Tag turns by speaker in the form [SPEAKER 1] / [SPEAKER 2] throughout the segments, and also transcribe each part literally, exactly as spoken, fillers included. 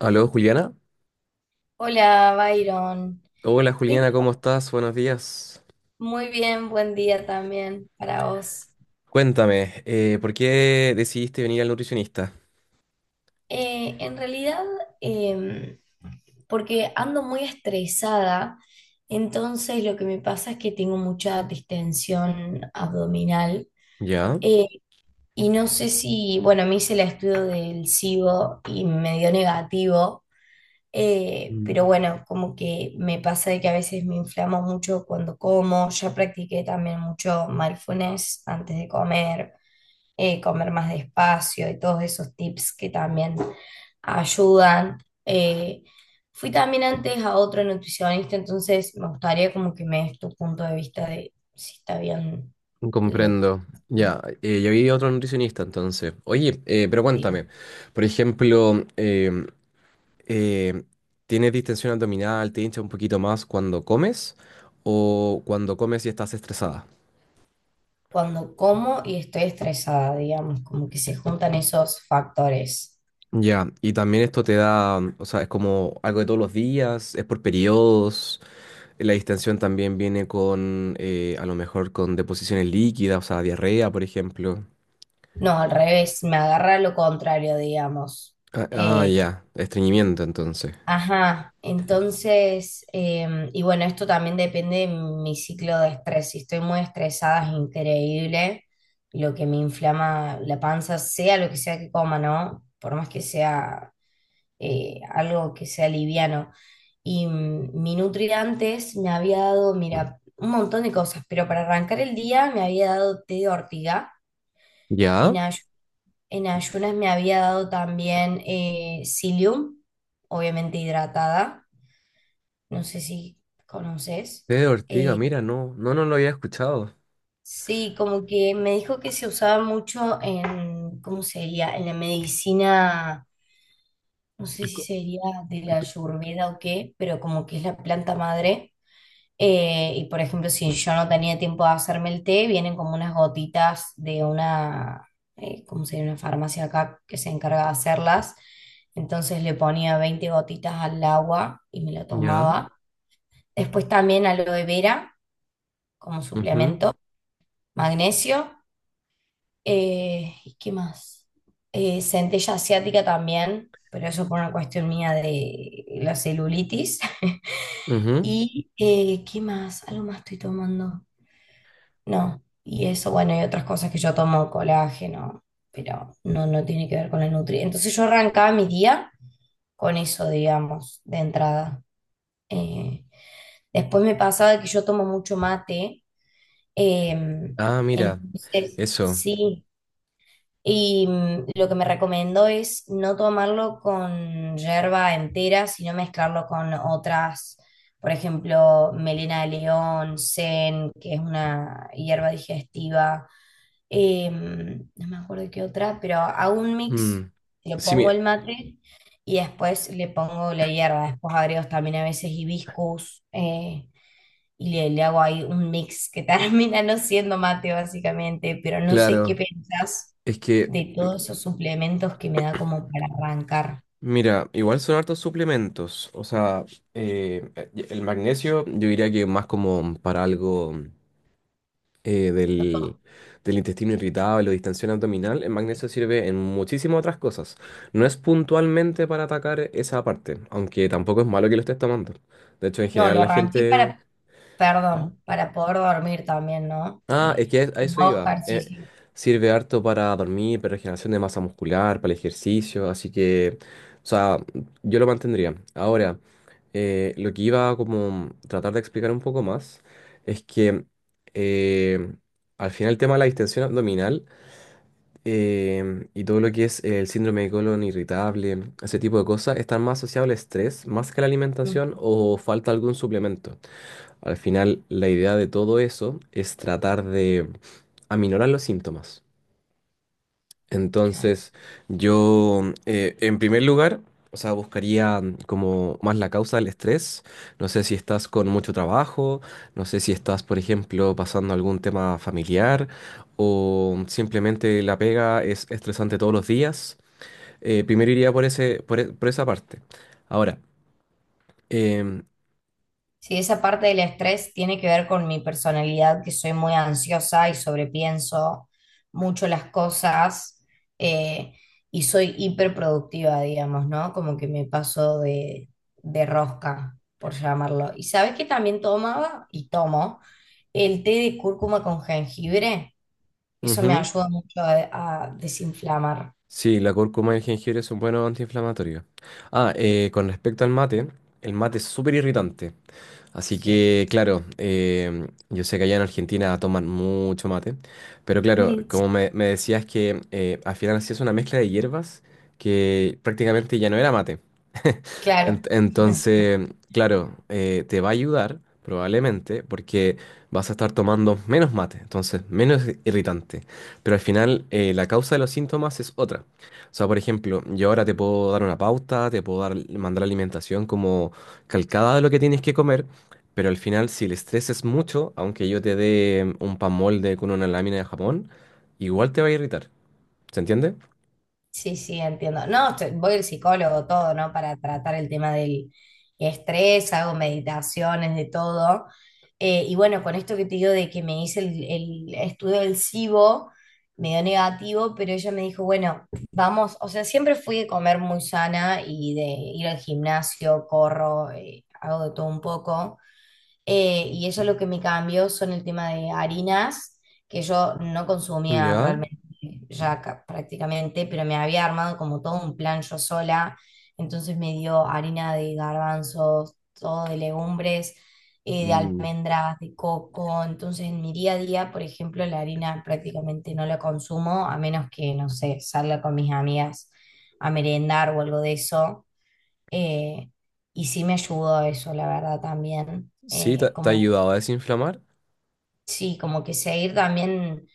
[SPEAKER 1] Aló, Juliana.
[SPEAKER 2] Hola, Byron.
[SPEAKER 1] Hola, Juliana,
[SPEAKER 2] Tengo
[SPEAKER 1] ¿cómo estás? Buenos días.
[SPEAKER 2] muy bien, buen día también para vos.
[SPEAKER 1] Cuéntame, eh, ¿por qué decidiste venir al nutricionista?
[SPEAKER 2] Eh, en realidad, em, porque ando muy estresada, entonces lo que me pasa es que tengo mucha distensión abdominal,
[SPEAKER 1] Ya.
[SPEAKER 2] eh, y no sé si, bueno, me hice el estudio del SIBO y me dio negativo. Eh, pero
[SPEAKER 1] Mm.
[SPEAKER 2] bueno, como que me pasa de que a veces me inflamo mucho cuando como. Ya practiqué también mucho mindfulness antes de comer, eh, comer más despacio y todos esos tips que también ayudan. Eh, Fui también antes a otro nutricionista, entonces me gustaría como que me des tu punto de vista de si está bien lo que...
[SPEAKER 1] Comprendo. Ya, eh, yo vi otro nutricionista entonces. Oye, eh, pero
[SPEAKER 2] sí.
[SPEAKER 1] cuéntame, por ejemplo, em, eh, ¿tienes distensión abdominal? ¿Te hincha un poquito más cuando comes? ¿O cuando comes y estás estresada?
[SPEAKER 2] Cuando como y estoy estresada, digamos, como que se juntan esos factores.
[SPEAKER 1] Ya, y también esto te da, o sea, es como algo de todos los días, es por periodos. La distensión también viene con, eh, a lo mejor, con deposiciones líquidas, o sea, diarrea, por ejemplo.
[SPEAKER 2] No, al revés, me agarra lo contrario, digamos.
[SPEAKER 1] Ah, ah,
[SPEAKER 2] Eh,
[SPEAKER 1] ya, estreñimiento entonces.
[SPEAKER 2] ajá, entonces, eh, y bueno, esto también depende de mi ciclo de estrés. Si estoy muy estresada, es increíble lo que me inflama la panza, sea lo que sea que coma, ¿no? Por más que sea eh, algo que sea liviano. Y mm, mi Nutri antes me había dado, mira, un montón de cosas, pero para arrancar el día me había dado té de ortiga
[SPEAKER 1] ¿Ya?
[SPEAKER 2] en ayunas. En ayunas me había dado también eh, psyllium, obviamente hidratada. No sé si conoces.
[SPEAKER 1] Té de ortiga,
[SPEAKER 2] Eh,
[SPEAKER 1] mira, no, no, no lo había escuchado.
[SPEAKER 2] sí, como que me dijo que se usaba mucho en, ¿cómo sería? En la medicina, no sé si
[SPEAKER 1] Co-
[SPEAKER 2] sería de la
[SPEAKER 1] co-
[SPEAKER 2] ayurveda o qué, pero como que es la planta madre. Eh, y por ejemplo, si yo no tenía tiempo de hacerme el té, vienen como unas gotitas de una, eh, ¿cómo se Una farmacia acá que se encarga de hacerlas. Entonces le ponía veinte gotitas al agua y me lo
[SPEAKER 1] ¿Ya?
[SPEAKER 2] tomaba. Después también aloe vera como
[SPEAKER 1] Ujú,
[SPEAKER 2] suplemento, magnesio. Eh, ¿y qué más? Eh, Centella asiática también, pero eso por una cuestión mía de la celulitis.
[SPEAKER 1] ujú.
[SPEAKER 2] ¿Y eh, qué más? Algo más estoy tomando. No, y eso, bueno, y otras cosas que yo tomo, colágeno, pero no, no tiene que ver con la nutri. Entonces yo arrancaba mi día con eso, digamos, de entrada. Eh, Después me pasaba que yo tomo mucho mate, eh,
[SPEAKER 1] Ah, mira,
[SPEAKER 2] entonces
[SPEAKER 1] eso.
[SPEAKER 2] sí, y mm, lo que me recomendó es no tomarlo con yerba entera, sino mezclarlo con otras, por ejemplo, melena de león, sen, que es una hierba digestiva, eh, no me acuerdo qué otra, pero hago un mix,
[SPEAKER 1] Mm.
[SPEAKER 2] le
[SPEAKER 1] Sí,
[SPEAKER 2] pongo
[SPEAKER 1] mi-
[SPEAKER 2] el mate y después le pongo la hierba, después agrego también a veces hibiscus, eh, y le, le hago ahí un mix que termina no siendo mate básicamente, pero no sé qué
[SPEAKER 1] claro,
[SPEAKER 2] pensás
[SPEAKER 1] es que,
[SPEAKER 2] de todos esos suplementos que me da como para arrancar.
[SPEAKER 1] mira, igual son hartos suplementos, o sea, eh, eh, el magnesio yo diría que más como para algo... eh, del, del intestino irritable o distensión abdominal, el magnesio sirve en muchísimas otras cosas. No es puntualmente para atacar esa parte, aunque tampoco es malo que lo estés tomando. De hecho, en
[SPEAKER 2] No,
[SPEAKER 1] general
[SPEAKER 2] lo
[SPEAKER 1] la
[SPEAKER 2] arranqué
[SPEAKER 1] gente...
[SPEAKER 2] para,
[SPEAKER 1] ¿Ah?
[SPEAKER 2] perdón, para poder dormir también, ¿no?
[SPEAKER 1] Ah, es
[SPEAKER 2] Eh,
[SPEAKER 1] que a eso
[SPEAKER 2] modo
[SPEAKER 1] iba. Eh,
[SPEAKER 2] ejercicio.
[SPEAKER 1] sirve harto para dormir, para regeneración de masa muscular, para el ejercicio, así que, o sea, yo lo mantendría. Ahora, eh, lo que iba a como tratar de explicar un poco más es que eh, al final el tema de la distensión abdominal em, y todo lo que es el síndrome de colon irritable, ese tipo de cosas, están más asociados al estrés, más que a la
[SPEAKER 2] Ujú,
[SPEAKER 1] alimentación o falta algún suplemento. Al final, la idea de todo eso es tratar de aminorar los síntomas.
[SPEAKER 2] claro.
[SPEAKER 1] Entonces, yo, eh, en primer lugar, o sea, buscaría mm, como más la causa del estrés. No sé si estás con mucho trabajo, no sé si estás, por ejemplo, pasando algún tema familiar o simplemente la pega es estresante todos los días. Eh, primero iría por ese, por, e- por esa parte. Ahora, em,
[SPEAKER 2] Sí, esa parte del estrés tiene que ver con mi personalidad, que soy muy ansiosa y sobrepienso mucho las cosas, eh, y soy hiperproductiva, digamos, ¿no? Como que me paso de, de rosca, por llamarlo. ¿Y sabes que también tomaba? Y tomo el té de cúrcuma con jengibre. Eso me
[SPEAKER 1] ujú,
[SPEAKER 2] ayuda mucho a, a desinflamar.
[SPEAKER 1] sí, la cúrcuma y el jengibre son buenos antiinflamatorios. Ah, eh, con respecto al mate, el mate es súper irritante. Así
[SPEAKER 2] Sí,
[SPEAKER 1] que, claro, em, yo sé que allá en Argentina toman mucho mate, pero claro, como
[SPEAKER 2] sí,
[SPEAKER 1] me, me decías que eh, al final hacías una mezcla de hierbas que prácticamente ya no era mate.
[SPEAKER 2] claro.
[SPEAKER 1] Ent- Entonces, claro, eh, te va a ayudar probablemente porque vas a estar tomando menos mate, entonces menos irritante. Pero al final eh, la causa de los síntomas es otra. O sea, por ejemplo, yo ahora te puedo dar una pauta, te puedo dar, mandar alimentación como calcada de lo que tienes que comer, pero al final si el estrés es mucho, aunque yo te dé un pan molde con una lámina de jamón, igual te va a irritar. ¿Se entiende?
[SPEAKER 2] Sí, sí, entiendo. No, estoy- voy al psicólogo todo, ¿no? Para tratar el tema del estrés, hago meditaciones, de todo. Eh, y bueno, con esto que te digo de que me hice el, el estudio del SIBO, me dio negativo, pero ella me dijo, bueno, vamos, o sea, siempre fui de comer muy sana y de ir al gimnasio, corro, eh, hago de todo un poco. Eh, y eso lo que me cambió son el tema de harinas, que yo no consumía
[SPEAKER 1] Ya.
[SPEAKER 2] realmente ya ca- prácticamente, pero me había armado como todo un plan yo sola. Entonces me dio harina de garbanzos, todo de legumbres, eh, de
[SPEAKER 1] Mm.
[SPEAKER 2] almendras, de coco. Entonces en mi día a día, por ejemplo, la harina prácticamente no la consumo, a menos que, no sé, salga con mis amigas a merendar o algo de eso. Eh, y sí me ayudó eso, la verdad, también.
[SPEAKER 1] Sí, te
[SPEAKER 2] Eh,
[SPEAKER 1] te ha
[SPEAKER 2] como,
[SPEAKER 1] ayudado a desinflamar.
[SPEAKER 2] sí, como que seguir también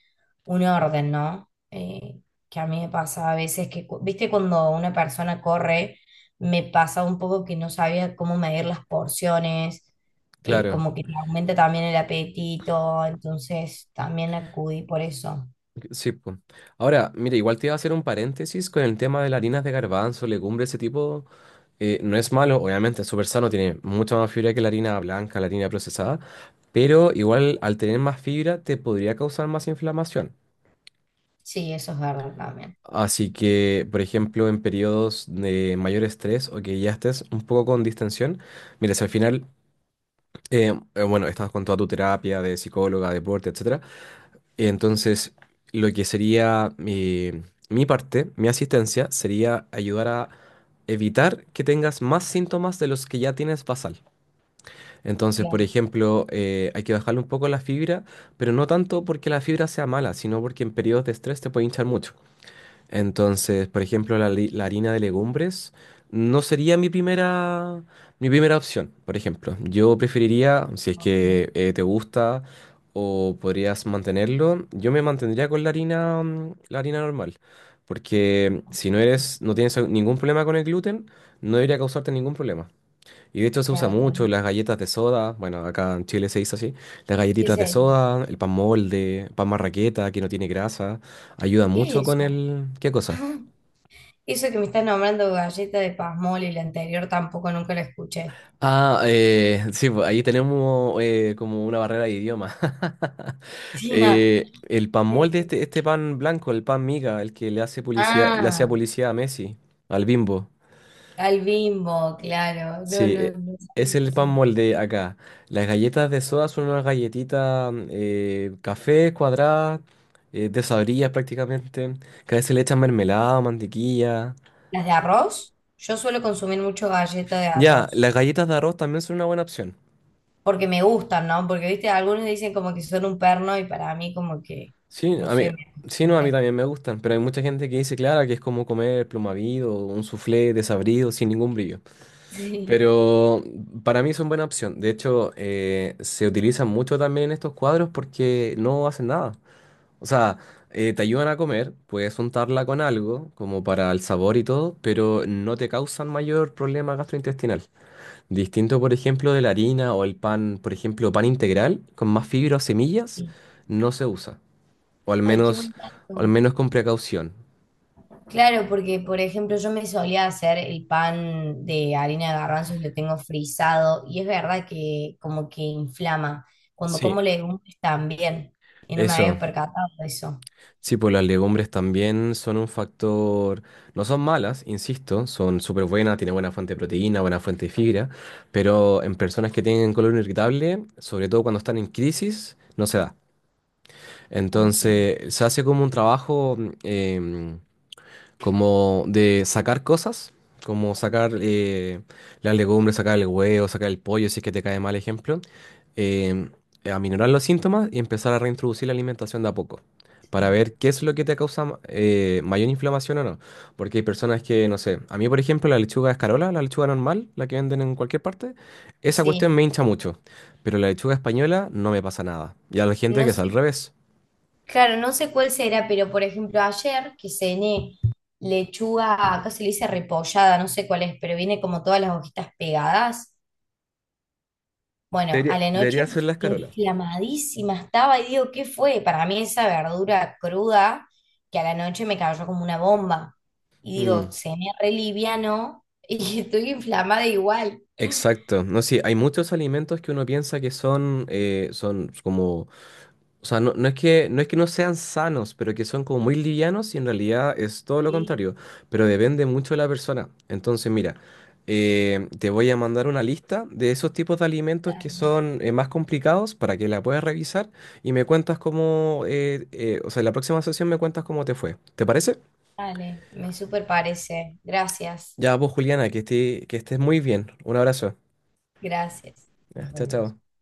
[SPEAKER 2] un orden, ¿no? Eh, que a mí me pasa a veces que, cu- viste, cuando una persona corre, me pasa un poco que no sabía cómo medir las porciones, eh,
[SPEAKER 1] Claro.
[SPEAKER 2] como que te aumenta también el apetito, entonces también acudí por eso.
[SPEAKER 1] Sí, pues. Ahora, mira, igual te iba a hacer un paréntesis con el tema de las harinas de garbanzo, legumbre, ese tipo. eh, no es malo, obviamente, es súper sano, tiene mucha más fibra que la harina blanca, la harina procesada, pero igual al tener más fibra te podría causar más inflamación.
[SPEAKER 2] Sí, eso es verdad también.
[SPEAKER 1] Así que, por ejemplo, en periodos de mayor estrés o que ya estés un poco con distensión, mira, si al final, eh, eh, bueno, estás con toda tu terapia de psicóloga, deporte, etcétera. Entonces, lo que sería mi, mi parte, mi asistencia, sería ayudar a evitar que tengas más síntomas de los que ya tienes basal. Entonces, por
[SPEAKER 2] Claro,
[SPEAKER 1] ejemplo, eh, hay que bajarle un poco la fibra, pero no tanto porque la fibra sea mala, sino porque en periodos de estrés te puede hinchar mucho. Entonces, por ejemplo, la, li- la harina de legumbres no sería mi primera, mi primera opción, por ejemplo. Yo preferiría, si es
[SPEAKER 2] ok.
[SPEAKER 1] que eh, te gusta o podrías mantenerlo, yo me mantendría con la harina, mm, la harina normal. Porque si no eres, no tienes ningún problema con el gluten, no debería causarte ningún problema. Y de hecho se usa
[SPEAKER 2] Claro,
[SPEAKER 1] mucho
[SPEAKER 2] también.
[SPEAKER 1] las galletas de soda, bueno, acá en Chile se dice así, las
[SPEAKER 2] ¿Qué
[SPEAKER 1] galletitas de
[SPEAKER 2] sería?
[SPEAKER 1] soda, el pan molde, pan marraqueta que no tiene grasa, ayuda
[SPEAKER 2] ¿Qué
[SPEAKER 1] mucho
[SPEAKER 2] es
[SPEAKER 1] con
[SPEAKER 2] eso?
[SPEAKER 1] el... ¿Qué cosa?
[SPEAKER 2] Eso que me estás nombrando galleta de pasmol y la anterior tampoco nunca la escuché.
[SPEAKER 1] Ah, eh, sí, pues ahí tenemos eh, como una barrera de idioma.
[SPEAKER 2] Sí, ah,
[SPEAKER 1] Eh, el pan
[SPEAKER 2] eh,
[SPEAKER 1] molde, este, este pan blanco, el pan miga, el que le hace publicidad, le hacía
[SPEAKER 2] ah,
[SPEAKER 1] publicidad a Messi, al Bimbo.
[SPEAKER 2] al Bimbo, claro. No,
[SPEAKER 1] Sí,
[SPEAKER 2] no,
[SPEAKER 1] e-
[SPEAKER 2] no
[SPEAKER 1] es
[SPEAKER 2] sabía
[SPEAKER 1] el
[SPEAKER 2] qué
[SPEAKER 1] pan
[SPEAKER 2] se-
[SPEAKER 1] molde acá. Las galletas de soda son unas galletitas mm, eh, café cuadradas, eh, desabridas prácticamente, que a veces le echan mermelada o mantequilla.
[SPEAKER 2] ¿Las de arroz? Yo suelo consumir mucho galleta de
[SPEAKER 1] Ya,
[SPEAKER 2] arroz.
[SPEAKER 1] las galletas de arroz también son una buena opción.
[SPEAKER 2] Porque me gustan, ¿no? Porque, viste, algunos dicen como que son un perno y para mí como que,
[SPEAKER 1] Sí,
[SPEAKER 2] no
[SPEAKER 1] a mí,
[SPEAKER 2] sé, me
[SPEAKER 1] sí, no, a mí
[SPEAKER 2] acostumbré.
[SPEAKER 1] también me gustan, pero hay mucha gente que dice, claro, que es como comer plumavido, un soufflé desabrido, sin ningún brillo. Pero mm, para mí son buena opción. De hecho, eh, se utilizan mucho también en estos cuadros porque no hacen nada. O sea, eh, te ayudan a comer, puedes untarla con algo, como para el sabor y todo, pero no te causan mayor problema gastrointestinal. Distinto, por ejemplo, de la harina o el pan, por ejemplo, pan integral con más fibra o semillas,
[SPEAKER 2] Sí.
[SPEAKER 1] no se usa. O al
[SPEAKER 2] Ay, qué
[SPEAKER 1] menos,
[SPEAKER 2] buen
[SPEAKER 1] o al
[SPEAKER 2] dato.
[SPEAKER 1] menos con precaución.
[SPEAKER 2] Claro, porque por ejemplo yo me solía hacer el pan de harina de garbanzos y lo tengo frisado y es verdad que como que inflama. Cuando como
[SPEAKER 1] Sí.
[SPEAKER 2] legumbres también y no me había
[SPEAKER 1] Eso.
[SPEAKER 2] percatado de eso.
[SPEAKER 1] Sí, pues las legumbres también son un factor, no son malas, insisto, son súper buenas, tienen buena fuente de proteína, buena fuente de fibra, pero en personas que tienen colon irritable, sobre todo cuando están en crisis, no se da.
[SPEAKER 2] Ok,
[SPEAKER 1] Entonces, se hace como un trabajo em, como de sacar cosas, como sacar eh, las legumbres, sacar el huevo, sacar el pollo, si es que te cae mal ejemplo, eh, aminorar los síntomas y empezar a reintroducir la alimentación de a poco. Para
[SPEAKER 2] sí.
[SPEAKER 1] ver qué es lo que te causa ma- eh, mayor inflamación o no. Porque hay personas que, no sé, a mí por ejemplo la lechuga escarola, la lechuga normal, la que venden en cualquier parte, esa cuestión
[SPEAKER 2] Sí,
[SPEAKER 1] me hincha mucho. Pero la lechuga española no me pasa nada. Y a la gente que
[SPEAKER 2] no
[SPEAKER 1] es al
[SPEAKER 2] sé,
[SPEAKER 1] revés.
[SPEAKER 2] claro, no sé cuál será, pero por ejemplo ayer que cené lechuga, acá se le dice repollada, no sé cuál es, pero viene como todas las hojitas pegadas. Bueno,
[SPEAKER 1] Debería,
[SPEAKER 2] a la noche
[SPEAKER 1] debería ser la escarola.
[SPEAKER 2] inflamadísima estaba y digo, ¿qué fue? Para mí esa verdura cruda que a la noche me cayó como una bomba. Y digo,
[SPEAKER 1] Mm.
[SPEAKER 2] cené re liviano y estoy inflamada igual.
[SPEAKER 1] Exacto, no sí, hay muchos alimentos que uno piensa que son, eh, son como, o sea, no, no es que, no es que no sean sanos, pero que son como muy livianos y en realidad es todo lo
[SPEAKER 2] Sí,
[SPEAKER 1] contrario, pero depende mucho de la persona. Entonces, mira, eh, te voy a mandar una lista de esos tipos de alimentos que
[SPEAKER 2] dale,
[SPEAKER 1] son eh, más complicados para que la puedas revisar y me cuentas cómo, eh, eh, o sea, en la próxima sesión me cuentas cómo te fue. ¿Te parece?
[SPEAKER 2] dale, me super parece. Gracias,
[SPEAKER 1] Ya vos, Juliana, que esté, que estés muy bien. Un abrazo.
[SPEAKER 2] gracias.
[SPEAKER 1] Ya,
[SPEAKER 2] Nos
[SPEAKER 1] chao,
[SPEAKER 2] vemos.
[SPEAKER 1] chao.